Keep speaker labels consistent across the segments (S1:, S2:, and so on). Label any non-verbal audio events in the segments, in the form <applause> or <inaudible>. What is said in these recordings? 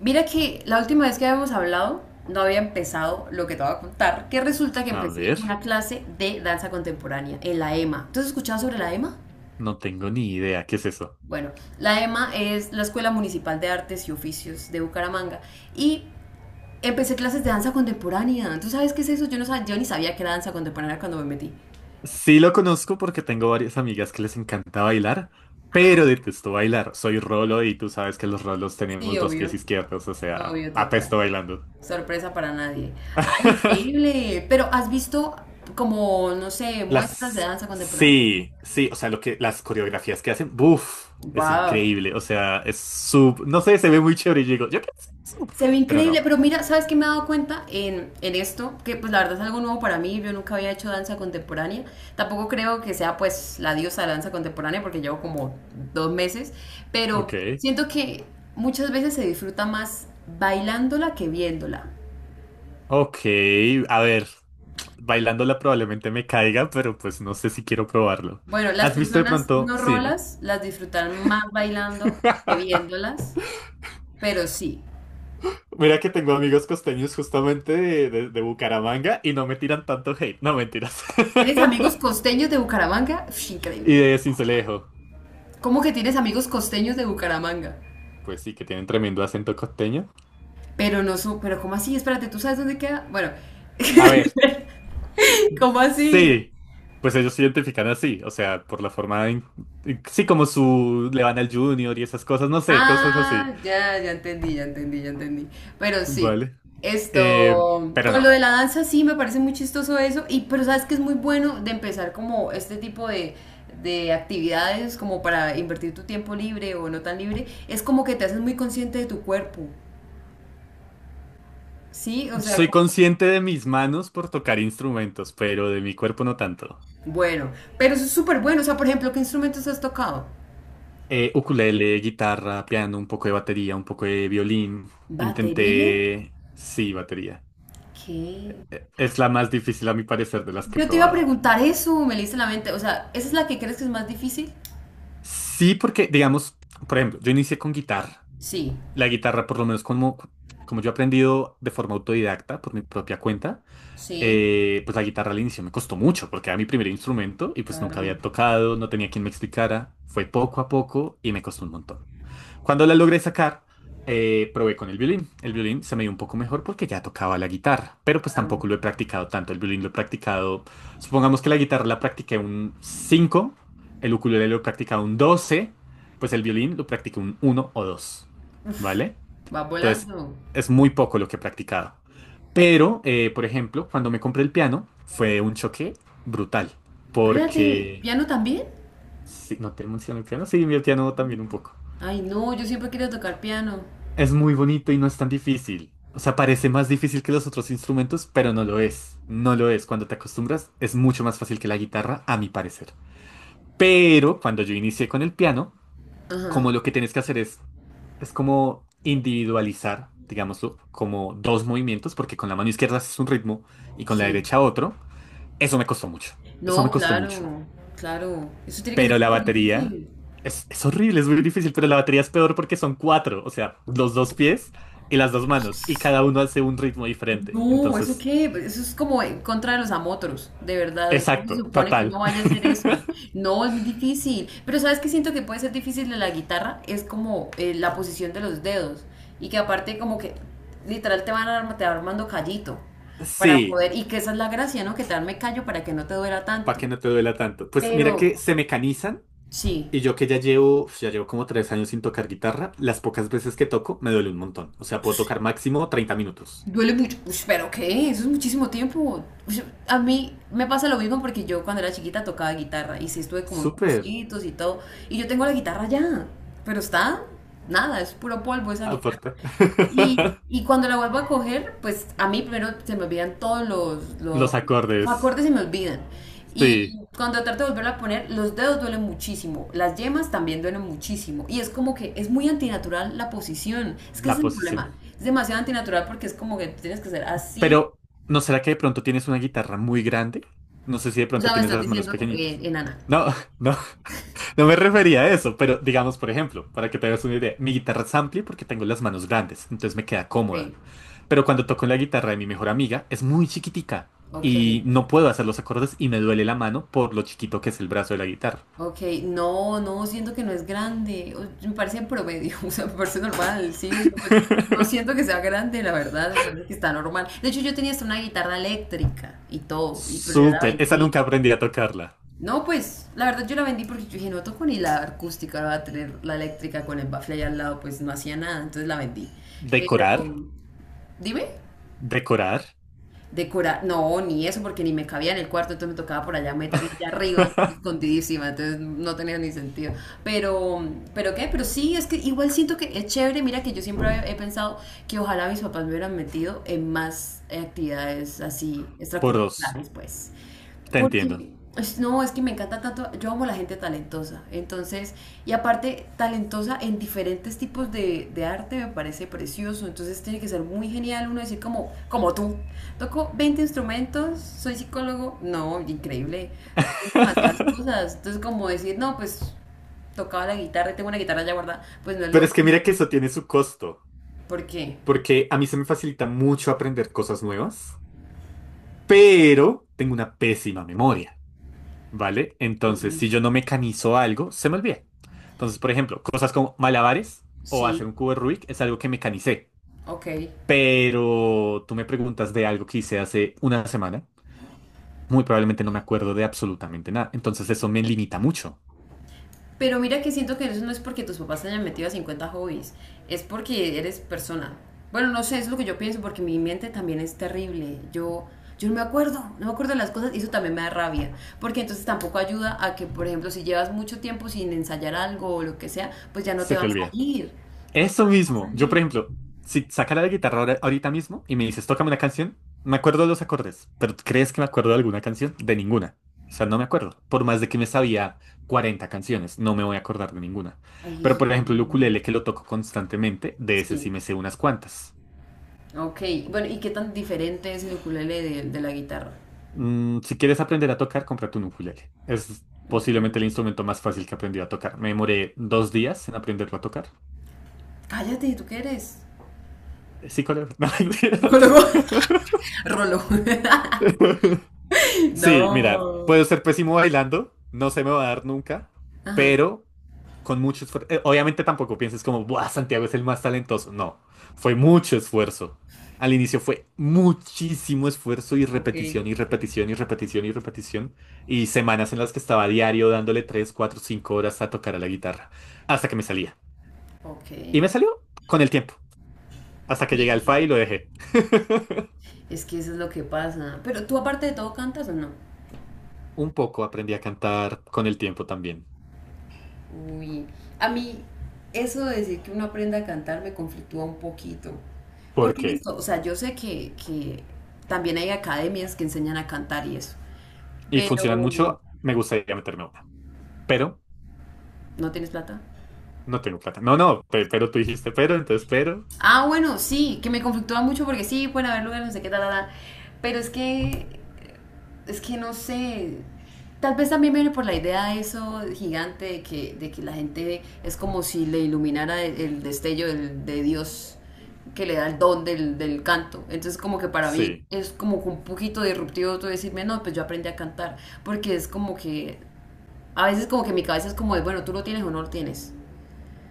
S1: Mira que la última vez que habíamos hablado, no había empezado lo que te voy a contar, que resulta que
S2: A
S1: empecé
S2: ver,
S1: una clase de danza contemporánea en la EMA. ¿Tú has escuchado sobre la EMA?
S2: no tengo ni idea, ¿qué es eso?
S1: Bueno, la EMA es la Escuela Municipal de Artes y Oficios de Bucaramanga y empecé clases de danza contemporánea. ¿Tú sabes qué es eso? Yo no sabía, yo ni sabía que era danza contemporánea cuando me metí.
S2: Sí lo conozco porque tengo varias amigas que les encanta bailar, pero detesto bailar. Soy rolo y tú sabes que los rolos
S1: Sí,
S2: tenemos dos pies
S1: obvio,
S2: izquierdos, o sea,
S1: obvio, total.
S2: apesto bailando.
S1: Sorpresa para nadie. ¡Ay,
S2: <laughs>
S1: increíble! Pero ¿has visto como, no sé, muestras de danza contemporánea?
S2: Sí, sí, o sea, las coreografías que hacen, ¡buf! Es
S1: ¡Wow!
S2: increíble, o sea, no sé, se ve muy chévere y yo digo, yo quiero hacer eso,
S1: Se ve
S2: pero
S1: increíble,
S2: no.
S1: pero mira, ¿sabes qué me he dado cuenta en esto? Que pues la verdad es algo nuevo para mí, yo nunca había hecho danza contemporánea, tampoco creo que sea pues la diosa de la danza contemporánea porque llevo como dos meses, pero
S2: Ok,
S1: siento que muchas veces se disfruta más bailándola que viéndola.
S2: ok, a ver. Bailándola probablemente me caiga, pero pues no sé si quiero probarlo.
S1: Bueno, las
S2: ¿Has visto de
S1: personas
S2: pronto?
S1: no
S2: Sí, dime.
S1: rolas las disfrutarán más bailando que
S2: <laughs>
S1: viéndolas, pero sí.
S2: Mira que tengo amigos costeños justamente de Bucaramanga y no me tiran tanto hate. No, mentiras. <laughs>
S1: ¿Tienes amigos costeños de Bucaramanga? Uf,
S2: Y
S1: increíble.
S2: de Sincelejo.
S1: ¿Cómo que tienes amigos costeños de Bucaramanga?
S2: Pues sí, que tienen tremendo acento costeño.
S1: Pero no su, pero ¿cómo así? Espérate, ¿tú sabes dónde queda? Bueno,
S2: A ver,
S1: ¿cómo así?
S2: sí. Pues ellos se identifican así, o sea, por la forma. Sí, le van al Junior y esas cosas, no sé, cosas así.
S1: Ah, ya, ya entendí, ya entendí, ya entendí. Pero sí,
S2: Vale. Eh,
S1: esto,
S2: pero
S1: con lo de
S2: no.
S1: la danza sí me parece muy chistoso eso, y pero sabes que es muy bueno de empezar como este tipo de actividades como para invertir tu tiempo libre o no tan libre, es como que te haces muy consciente de tu cuerpo, ¿sí? O sea,
S2: Soy
S1: como...
S2: consciente de mis manos por tocar instrumentos, pero de mi cuerpo no tanto.
S1: Bueno, pero eso es súper bueno, o sea, por ejemplo, ¿qué instrumentos has tocado?
S2: Ukulele, guitarra, piano, un poco de batería, un poco de violín.
S1: ¿Batería?
S2: Sí, batería.
S1: ¿Qué?
S2: Es la más difícil a mi parecer de las que he
S1: Yo te iba a
S2: probado.
S1: preguntar eso, me leíste la mente. O sea, ¿esa es la que crees que es más difícil?
S2: Sí, porque, digamos, por ejemplo, yo inicié con guitarra.
S1: Sí,
S2: La guitarra, por lo menos como, como yo he aprendido de forma autodidacta, por mi propia cuenta.
S1: sí,
S2: Pues la guitarra al inicio me costó mucho porque era mi primer instrumento y pues nunca
S1: claro,
S2: había tocado, no tenía quien me explicara. Fue poco a poco y me costó un montón. Cuando la logré sacar, probé con el violín. El violín se me dio un poco mejor porque ya tocaba la guitarra, pero pues tampoco
S1: claro.
S2: lo he practicado tanto. El violín lo he practicado, supongamos que la guitarra la practiqué un 5, el ukulele lo he practicado un 12, pues el violín lo practiqué un uno o 2, ¿vale?
S1: Va
S2: Entonces,
S1: volando.
S2: es muy poco lo que he practicado. Pero, por ejemplo, cuando me compré el piano, fue un choque brutal.
S1: Espérate,
S2: Porque...
S1: ¿piano también?
S2: Sí, ¿no te menciono el piano? Sí, mi piano también un poco.
S1: Ay, no, yo siempre quería tocar piano.
S2: Es muy bonito y no es tan difícil. O sea, parece más difícil que los otros instrumentos, pero no lo es. No lo es. Cuando te acostumbras, es mucho más fácil que la guitarra, a mi parecer. Pero cuando yo inicié con el piano,
S1: Ajá,
S2: como lo que tienes que hacer es como individualizar, digámoslo, como dos movimientos, porque con la mano izquierda haces un ritmo y con la
S1: sí.
S2: derecha otro. Eso me costó mucho. Eso me
S1: No,
S2: costó mucho.
S1: claro, claro. Eso tiene que ser
S2: Pero la
S1: súper
S2: batería
S1: difícil.
S2: es horrible, es muy difícil, pero la batería es peor porque son cuatro, o sea, los dos pies y las dos manos, y cada uno hace un ritmo diferente.
S1: No, ¿eso
S2: Entonces,
S1: qué? Pues, eso es como en contra de los amotros, de verdad. ¿Cómo se
S2: exacto,
S1: supone que
S2: total.
S1: uno vaya a hacer eso? No, es muy difícil. Pero ¿sabes qué siento que puede ser difícil de la guitarra? Es como la posición de los dedos. Y que aparte como que literal te va armando callito para
S2: Sí,
S1: poder... Y que esa es la gracia, ¿no? Que te arme callo para que no te duela
S2: para
S1: tanto.
S2: que no te duela tanto. Pues mira que
S1: Pero
S2: se mecanizan.
S1: sí.
S2: Y yo que ya llevo como 3 años sin tocar guitarra, las pocas veces que toco me duele un montón. O sea, puedo tocar máximo 30 minutos.
S1: Duele mucho. Ush, pero ¿qué? Eso es muchísimo tiempo. Ush, a mí me pasa lo mismo porque yo cuando era chiquita tocaba guitarra y sí estuve como en
S2: Súper.
S1: cursitos y todo. Y yo tengo la guitarra ya, pero está nada, es puro polvo esa
S2: Aparta.
S1: guitarra. Y,
S2: <laughs>
S1: y cuando la vuelvo a coger, pues a mí primero se me olvidan todos
S2: Los
S1: los
S2: acordes.
S1: acordes, se me olvidan. Y
S2: Sí,
S1: cuando trato de volverla a poner, los dedos duelen muchísimo, las yemas también duelen muchísimo. Y es como que es muy antinatural la posición. Es que ese
S2: la
S1: es el
S2: posición.
S1: problema. Es demasiado antinatural porque es como que tienes que ser así.
S2: Pero, ¿no será que de pronto tienes una guitarra muy grande? No sé si de
S1: O sea,
S2: pronto
S1: me
S2: tienes
S1: estás
S2: las manos
S1: diciendo
S2: pequeñitas.
S1: enana.
S2: No, <laughs> no, no me refería a eso, pero digamos, por ejemplo, para que te hagas una idea, mi guitarra es amplia porque tengo las manos grandes, entonces me queda
S1: Ok,
S2: cómoda. Pero cuando toco la guitarra de mi mejor amiga, es muy chiquitica
S1: ok.
S2: y no puedo hacer los acordes y me duele la mano por lo chiquito que es el brazo de la guitarra.
S1: Ok, no, no, siento que no es grande. O... me parece promedio, <laughs> o sea, me parece normal, sí. No, pues, no siento que sea grande, la verdad, me parece que está normal. De hecho, yo tenía hasta una guitarra eléctrica y todo, y, pero yo la
S2: Súper, esa
S1: vendí.
S2: nunca aprendí a tocarla.
S1: No, pues, la verdad yo la vendí porque yo dije, no toco ni la acústica, ahora voy a tener la eléctrica con el bafle ahí al lado, pues no hacía nada, entonces la vendí. Pero,
S2: Decorar,
S1: dime
S2: decorar,
S1: decorar, no, ni eso, porque ni me cabía en el cuarto, entonces me tocaba por allá meterla allá arriba, escondidísima, entonces no tenía ni sentido. Pero, pero qué, pero sí, es que igual siento que es chévere, mira que yo siempre he pensado que ojalá mis papás me hubieran metido en más actividades así
S2: por dos,
S1: extracurriculares, pues.
S2: te entiendo.
S1: Porque, es... no, es que me encanta tanto, yo amo la gente talentosa, entonces, y aparte talentosa en diferentes tipos de arte me parece precioso, entonces tiene que ser muy genial uno decir como, como tú, toco 20 instrumentos, soy psicólogo, no, increíble, soy
S2: <laughs>
S1: demasiadas cosas, entonces como decir, no, pues tocaba la guitarra, y tengo una guitarra ya guardada, pues no es
S2: Pero
S1: lo
S2: es que mira
S1: mismo,
S2: que eso tiene su costo,
S1: ¿por qué?
S2: porque a mí se me facilita mucho aprender cosas nuevas, pero tengo una pésima memoria, ¿vale? Entonces,
S1: Ujú,
S2: si yo no mecanizo algo, se me olvida. Entonces, por ejemplo, cosas como malabares o
S1: sí,
S2: hacer un cubo de Rubik es algo que mecanicé.
S1: ok.
S2: Pero tú me preguntas de algo que hice hace una semana. Muy probablemente no me acuerdo de absolutamente nada. Entonces eso me limita mucho.
S1: Pero mira que siento que eso no es porque tus papás te hayan metido a 50 hobbies, es porque eres persona. Bueno, no sé, es lo que yo pienso, porque mi mente también es terrible. Yo no me acuerdo, no me acuerdo de las cosas y eso también me da rabia. Porque entonces tampoco ayuda a que, por ejemplo, si llevas mucho tiempo sin ensayar algo o lo que sea, pues ya no te
S2: Se
S1: va a
S2: te olvida.
S1: salir. No te
S2: Eso
S1: va a
S2: mismo. Yo, por
S1: salir.
S2: ejemplo, si sacara la guitarra ahorita mismo y me dices, tócame una canción, me acuerdo de los acordes. Pero ¿tú crees que me acuerdo de alguna canción? De ninguna. O sea, no me acuerdo. Por más de que me sabía 40 canciones, no me voy a acordar de ninguna.
S1: Ay, eso
S2: Pero, por
S1: es
S2: ejemplo, el
S1: horrible.
S2: ukulele que lo toco constantemente, de ese
S1: Sí.
S2: sí me sé unas cuantas.
S1: Ok, bueno, ¿y qué tan diferente es el ukulele de la guitarra?
S2: Si quieres aprender a tocar, cómprate un ukulele. Es
S1: Ok.
S2: posiblemente el instrumento más fácil que aprendí a tocar. Me demoré 2 días en aprenderlo a tocar.
S1: Cállate, ¿tú qué eres?
S2: Sí, colega. <laughs> No, mentiras.
S1: Psicólogo. <laughs> Rolo. <laughs>
S2: <laughs> Sí, mira,
S1: No.
S2: puedo ser pésimo bailando, no se me va a dar nunca,
S1: Ajá.
S2: pero con mucho esfuerzo. Obviamente tampoco pienses como, buah, Santiago es el más talentoso. No, fue mucho esfuerzo. Al inicio fue muchísimo esfuerzo y
S1: Ok.
S2: repetición y repetición y repetición y repetición. Y semanas en las que estaba diario dándole 3 4 5 horas a tocar a la guitarra. Hasta que me salía.
S1: Ok.
S2: Y me salió con el tiempo. Hasta que llegué al
S1: Sí,
S2: fa y lo dejé. <laughs>
S1: es que eso es lo que pasa. Pero tú aparte de todo ¿cantas o no?
S2: Un poco aprendí a cantar con el tiempo también.
S1: Uy. A mí eso de decir que uno aprenda a cantar me conflictúa un poquito.
S2: ¿Por
S1: Porque
S2: qué?
S1: listo, o sea, yo sé que también hay academias que enseñan a cantar y eso.
S2: Y
S1: Pero
S2: funcionan mucho, me gustaría meterme a una. Pero
S1: ¿no tienes plata?
S2: no tengo plata. No, no, pero tú dijiste pero, entonces pero.
S1: Ah, bueno, sí, que me conflictúa mucho porque sí, pueden haber lugares, no sé qué, tal, tal, pero es que no sé, tal vez también viene por la idea de eso gigante de que la gente es como si le iluminara el destello del... de Dios que le da el don del canto. Entonces como que para mí
S2: Sí,
S1: es como que un poquito disruptivo tú decirme, no, pues yo aprendí a cantar, porque es como que, a veces como que mi cabeza es como de, bueno, tú lo tienes o no lo tienes.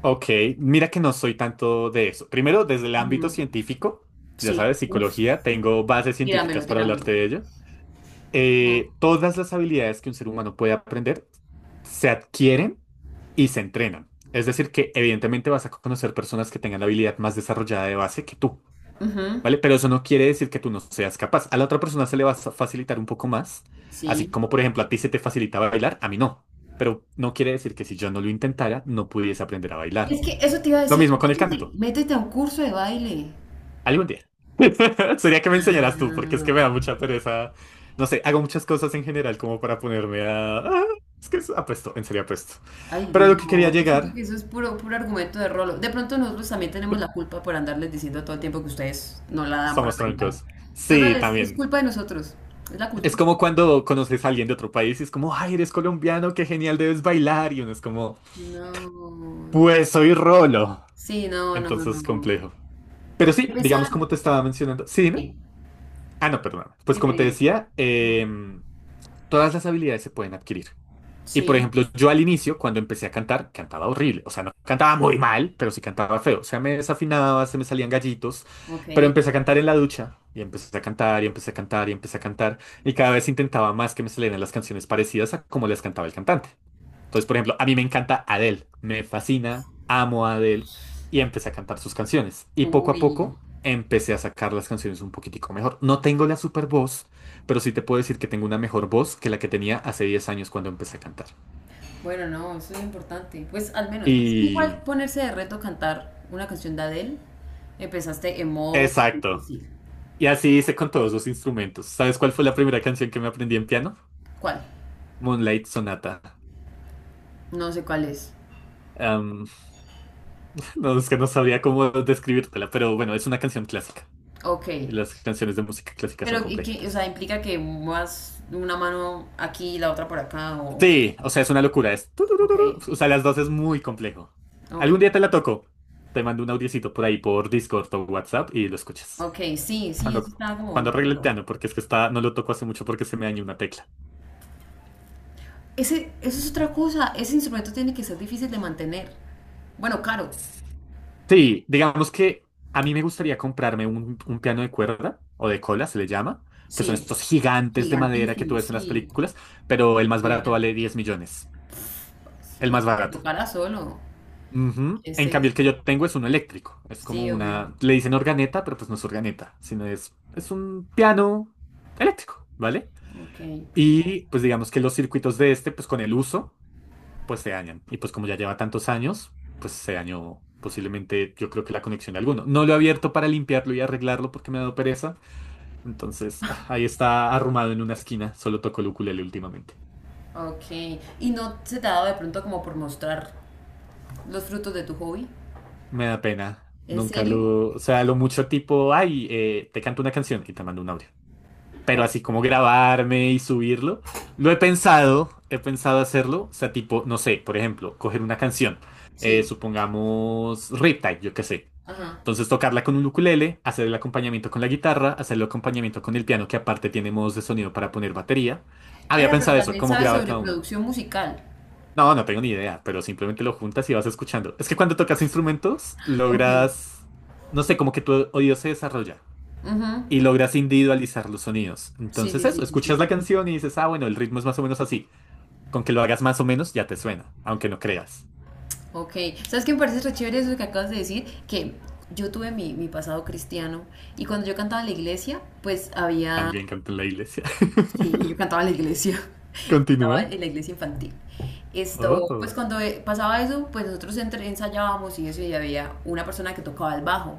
S2: ok. Mira que no soy tanto de eso. Primero, desde el ámbito
S1: Ujú,
S2: científico, ya
S1: sí,
S2: sabes,
S1: uf.
S2: psicología, tengo bases
S1: Tíramelo,
S2: científicas para
S1: tíramelo.
S2: hablarte de ello.
S1: Ujú.
S2: Todas las habilidades que un ser humano puede aprender se adquieren y se entrenan. Es decir, que evidentemente vas a conocer personas que tengan la habilidad más desarrollada de base que tú,
S1: Ujú,
S2: ¿vale? Pero eso no quiere decir que tú no seas capaz. A la otra persona se le va a facilitar un poco más, así
S1: sí.
S2: como por ejemplo a ti se te facilita bailar, a mí no. Pero no quiere decir que si yo no lo intentara, no pudiese aprender a bailar.
S1: Es que eso te iba a
S2: Lo
S1: decir,
S2: mismo con el
S1: métete,
S2: canto.
S1: métete a un curso de baile.
S2: Algún día. <laughs> Sería que me enseñaras tú, porque es que me
S1: Ah,
S2: da mucha pereza. No sé, hago muchas cosas en general como para ponerme a... es que apuesto, en serio apuesto.
S1: ay,
S2: Pero a
S1: no,
S2: lo que quería
S1: yo siento que
S2: llegar,
S1: eso es puro, puro argumento de rolo. De pronto nosotros también tenemos la culpa por andarles diciendo todo el tiempo que ustedes no la dan para
S2: somos
S1: bailar.
S2: troncos.
S1: Total,
S2: Sí,
S1: es
S2: también.
S1: culpa de nosotros, es la
S2: Es
S1: cultura.
S2: como cuando conoces a alguien de otro país y es como, ay, eres colombiano, qué genial, debes bailar. Y uno es como,
S1: No,
S2: pues soy rolo.
S1: sí, no, no,
S2: Entonces,
S1: no.
S2: complejo. Pero sí,
S1: Empezar.
S2: digamos como te estaba mencionando. Sí, dime.
S1: Sí,
S2: Ah, no, perdón. Pues
S1: dime,
S2: como te
S1: dime.
S2: decía, todas las habilidades se pueden adquirir. Y por
S1: Sí,
S2: ejemplo, yo al inicio, cuando empecé a cantar, cantaba horrible. O sea, no cantaba muy mal, pero sí cantaba feo. O sea, me desafinaba, se me salían gallitos.
S1: ok.
S2: Pero empecé a cantar en la ducha. Y empecé a cantar, y empecé a cantar, y empecé a cantar. Y cada vez intentaba más que me salieran las canciones parecidas a como las cantaba el cantante. Entonces, por ejemplo, a mí me encanta Adele. Me fascina, amo a Adele. Y empecé a cantar sus canciones. Y poco a
S1: Uy.
S2: poco empecé a sacar las canciones un poquitico mejor. No tengo la super voz, pero sí te puedo decir que tengo una mejor voz que la que tenía hace 10 años cuando empecé a cantar.
S1: Bueno, no, eso es importante. Pues al menos, pues
S2: Y...
S1: igual ponerse de reto cantar una canción de Adele. Empezaste en modo
S2: Exacto.
S1: difícil.
S2: Y así hice con todos los instrumentos. ¿Sabes cuál fue la primera canción que me aprendí en piano?
S1: ¿Cuál?
S2: Moonlight Sonata.
S1: No sé cuál es.
S2: Am, <laughs> no, es que no sabría cómo describírtela, pero bueno, es una canción clásica.
S1: Ok.
S2: Y las canciones de música clásica son
S1: Pero, ¿y qué? O sea,
S2: complejitas.
S1: implica que muevas una mano aquí y la otra por acá. O,
S2: Sí, o sea, es una locura. Es...
S1: ok.
S2: turururu. O sea, las dos es muy complejo.
S1: Ok.
S2: Algún día te la toco. Te mando un audiocito por ahí por Discord o WhatsApp y lo escuchas.
S1: Ok. Sí, sí, eso
S2: Cuando,
S1: está
S2: cuando
S1: como
S2: arregle el
S1: raro.
S2: piano, porque es que está, no lo toco hace mucho porque se me dañó una tecla.
S1: Ese, eso es otra cosa. Ese instrumento tiene que ser difícil de mantener. Bueno, caro.
S2: Sí, digamos que a mí me gustaría comprarme un piano de cuerda o de cola, se le llama, que son
S1: Sí.
S2: estos gigantes de madera que tú
S1: Gigantísimo,
S2: ves en las
S1: sí.
S2: películas, pero el más
S1: Elefante.
S2: barato vale 10 millones. El
S1: Ni
S2: más
S1: que te
S2: barato.
S1: tocara solo.
S2: Ujú.
S1: Es
S2: En cambio, el que
S1: eso,
S2: yo tengo es uno eléctrico. Es como
S1: sí, obvio.
S2: una, le dicen organeta, pero pues no es organeta, sino es un piano eléctrico, ¿vale?
S1: Ok,
S2: Y pues digamos que los circuitos de este, pues con el uso, pues se dañan. Y pues como ya lleva tantos años, pues se dañó posiblemente, yo creo que la conexión de alguno. No lo he abierto para limpiarlo y arreglarlo porque me ha dado pereza. Entonces, ahí está arrumado en una esquina. Solo toco el ukulele últimamente.
S1: ok. ¿Y no se te ha dado de pronto como por mostrar los frutos de tu hobby?
S2: Me da pena.
S1: ¿En
S2: Nunca
S1: serio?
S2: lo... O sea, lo mucho tipo, ay, te canto una canción y te mando un audio. Pero así
S1: Ok,
S2: como grabarme y subirlo. Lo he pensado hacerlo, o sea, tipo, no sé, por ejemplo, coger una canción,
S1: sí,
S2: supongamos Riptide, yo qué sé.
S1: ajá.
S2: Entonces tocarla con un ukulele, hacer el acompañamiento con la guitarra, hacer el acompañamiento con el piano, que aparte tiene modos de sonido para poner batería. Había
S1: Pero
S2: pensado eso,
S1: también
S2: cómo
S1: sabes
S2: grabar
S1: sobre
S2: cada uno.
S1: producción musical.
S2: No, no tengo ni idea, pero simplemente lo juntas y vas escuchando. Es que cuando tocas instrumentos,
S1: Ok.
S2: logras, no sé, como que tu oído se desarrolla
S1: Ujú.
S2: y logras individualizar los sonidos.
S1: Sí,
S2: Entonces
S1: sí, sí,
S2: eso,
S1: sí, sí.
S2: escuchas la canción y dices, ah, bueno, el ritmo es más o menos así. Con que lo hagas más o menos ya te suena, aunque no creas.
S1: Ok. ¿Sabes qué me parece re chévere eso que acabas de decir? Que yo tuve mi pasado cristiano y cuando yo cantaba en la iglesia, pues había
S2: También canto en la iglesia.
S1: sí, yo cantaba en la iglesia,
S2: <laughs>
S1: <laughs> cantaba
S2: Continúa.
S1: en la iglesia infantil. Esto, pues
S2: Oh,
S1: cuando pasaba eso, pues nosotros ensayábamos y eso, y había una persona que tocaba el bajo.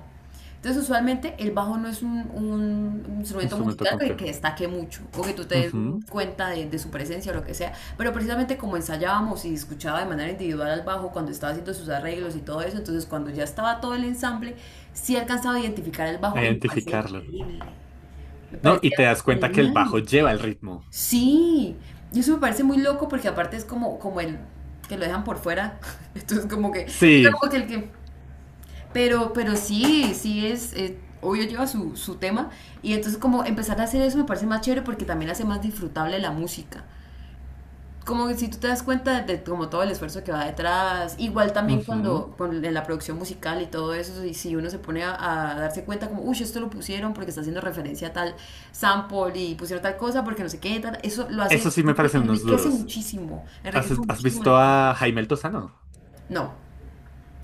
S1: Entonces, usualmente el bajo no es un instrumento
S2: instrumento
S1: musical que
S2: complejo.
S1: destaque mucho, o que tú te des
S2: Ujú.
S1: cuenta de su presencia o lo que sea, pero precisamente como ensayábamos y escuchaba de manera individual al bajo cuando estaba haciendo sus arreglos y todo eso, entonces cuando ya estaba todo el ensamble, sí alcanzaba a identificar el
S2: A
S1: bajo y me parecía
S2: identificarlo.
S1: increíble, me
S2: No, y
S1: parecía
S2: te das cuenta que el
S1: genial.
S2: bajo lleva el ritmo.
S1: Sí, y eso me parece muy loco porque aparte es como, como el que lo dejan por fuera. <laughs> Entonces como que, o sea,
S2: Sí.
S1: como que el que... pero sí, sí es, obvio lleva su, su tema. Y entonces como empezar a hacer eso me parece más chévere porque también hace más disfrutable la música como que si tú te das cuenta de como todo el esfuerzo que va detrás, igual también
S2: Ujú.
S1: cuando en la producción musical y todo eso, y si uno se pone a darse cuenta como, uy, esto lo pusieron porque está haciendo referencia a tal sample y pusieron tal cosa porque no sé qué, tal", eso lo hace,
S2: Eso sí me parecen unos duros. ¿Has,
S1: enriquece
S2: has
S1: muchísimo la
S2: visto a
S1: experiencia.
S2: Jaime El Tozano?
S1: No.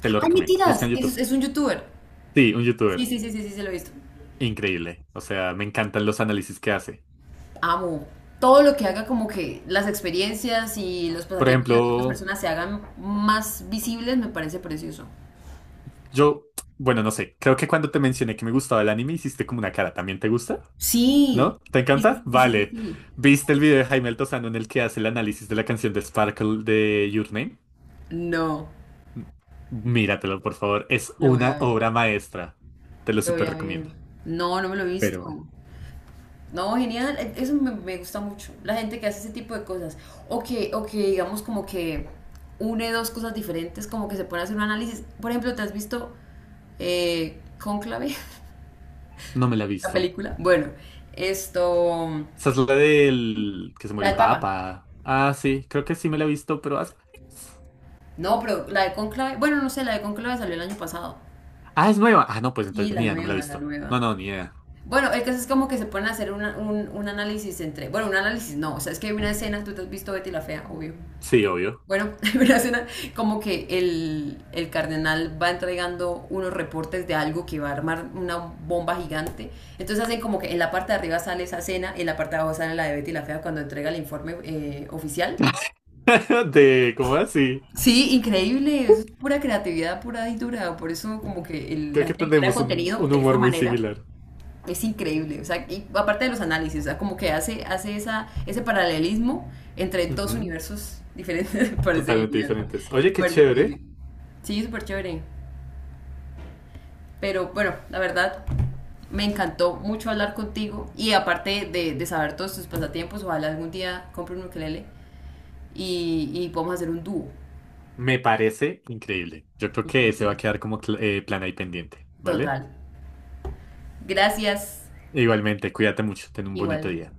S2: Te lo
S1: ¡Ay,
S2: recomiendo. Busca
S1: mentiras!
S2: en YouTube.
S1: Es un youtuber.
S2: Sí, un
S1: Sí,
S2: youtuber.
S1: sí, sí, sí, sí, se lo he visto.
S2: Increíble. O sea, me encantan los análisis que hace.
S1: Amo. Todo lo que haga como que las experiencias y los
S2: Por
S1: pasatiempos de otras
S2: ejemplo,
S1: personas se hagan más visibles me parece precioso.
S2: yo, bueno, no sé, creo que cuando te mencioné que me gustaba el anime hiciste como una cara. ¿También te gusta?
S1: Sí,
S2: ¿No? ¿Te
S1: sí, sí,
S2: encanta?
S1: sí, sí, sí,
S2: Vale.
S1: sí.
S2: ¿Viste el video de Jaime Altozano en el que hace el análisis de la canción de Sparkle de Your Name?
S1: No,
S2: Míratelo, por favor. Es
S1: lo voy a
S2: una
S1: ver,
S2: obra maestra. Te lo
S1: lo voy
S2: súper
S1: a ver.
S2: recomiendo.
S1: No, no me lo he
S2: Pero bueno,
S1: visto. No, genial, e... eso me, me gusta mucho. La gente que hace ese tipo de cosas. O que digamos como que une dos cosas diferentes, como que se pone a hacer un análisis. Por ejemplo, ¿te has visto Cónclave? <laughs>
S2: no me la he
S1: La
S2: visto.
S1: película. Bueno, esto...
S2: Esa es la del que se
S1: La
S2: muere el
S1: del Papa.
S2: Papa. Ah, sí, creo que sí me la he visto, pero hace...
S1: No, pero la de Cónclave... Bueno, no sé, la de Cónclave salió el año pasado.
S2: Ah, es nueva. Ah, no, pues
S1: Sí,
S2: entonces ni
S1: la
S2: idea, no me la he
S1: nueva, la
S2: visto.
S1: nueva.
S2: No, no, ni idea.
S1: Bueno, el caso es como que se ponen a hacer un análisis entre. Bueno, un análisis no. O sea, es que hay una escena, tú te has visto Betty la Fea, obvio.
S2: Sí, obvio.
S1: Bueno, <laughs> hay una escena como que el cardenal va entregando unos reportes de algo que va a armar una bomba gigante. Entonces hacen como que en la parte de arriba sale esa escena, en la parte de abajo sale la de Betty la Fea cuando entrega el informe oficial.
S2: <laughs> De, ¿cómo así?
S1: Sí, increíble, eso es pura creatividad pura y dura. Por eso como que la
S2: Creo que
S1: gente crea
S2: tenemos un,
S1: contenido
S2: un
S1: de esa
S2: humor muy
S1: manera.
S2: similar.
S1: Es increíble, o sea, y aparte de los análisis, o sea, como que hace, hace esa, ese paralelismo entre dos
S2: Ujú.
S1: universos diferentes, <laughs> me parece
S2: Totalmente
S1: genial, me
S2: diferentes. Oye, qué
S1: parece
S2: chévere.
S1: increíble. Sí, súper chévere, pero bueno, la verdad, me encantó mucho hablar contigo y aparte de saber todos tus pasatiempos, ojalá algún día compre un ukelele y podamos hacer un dúo.
S2: Me parece increíble. Yo creo que se va a
S1: Increíble.
S2: quedar como plan ahí pendiente, ¿vale?
S1: Total. Gracias.
S2: Igualmente, cuídate mucho. Ten un bonito
S1: Igual.
S2: día.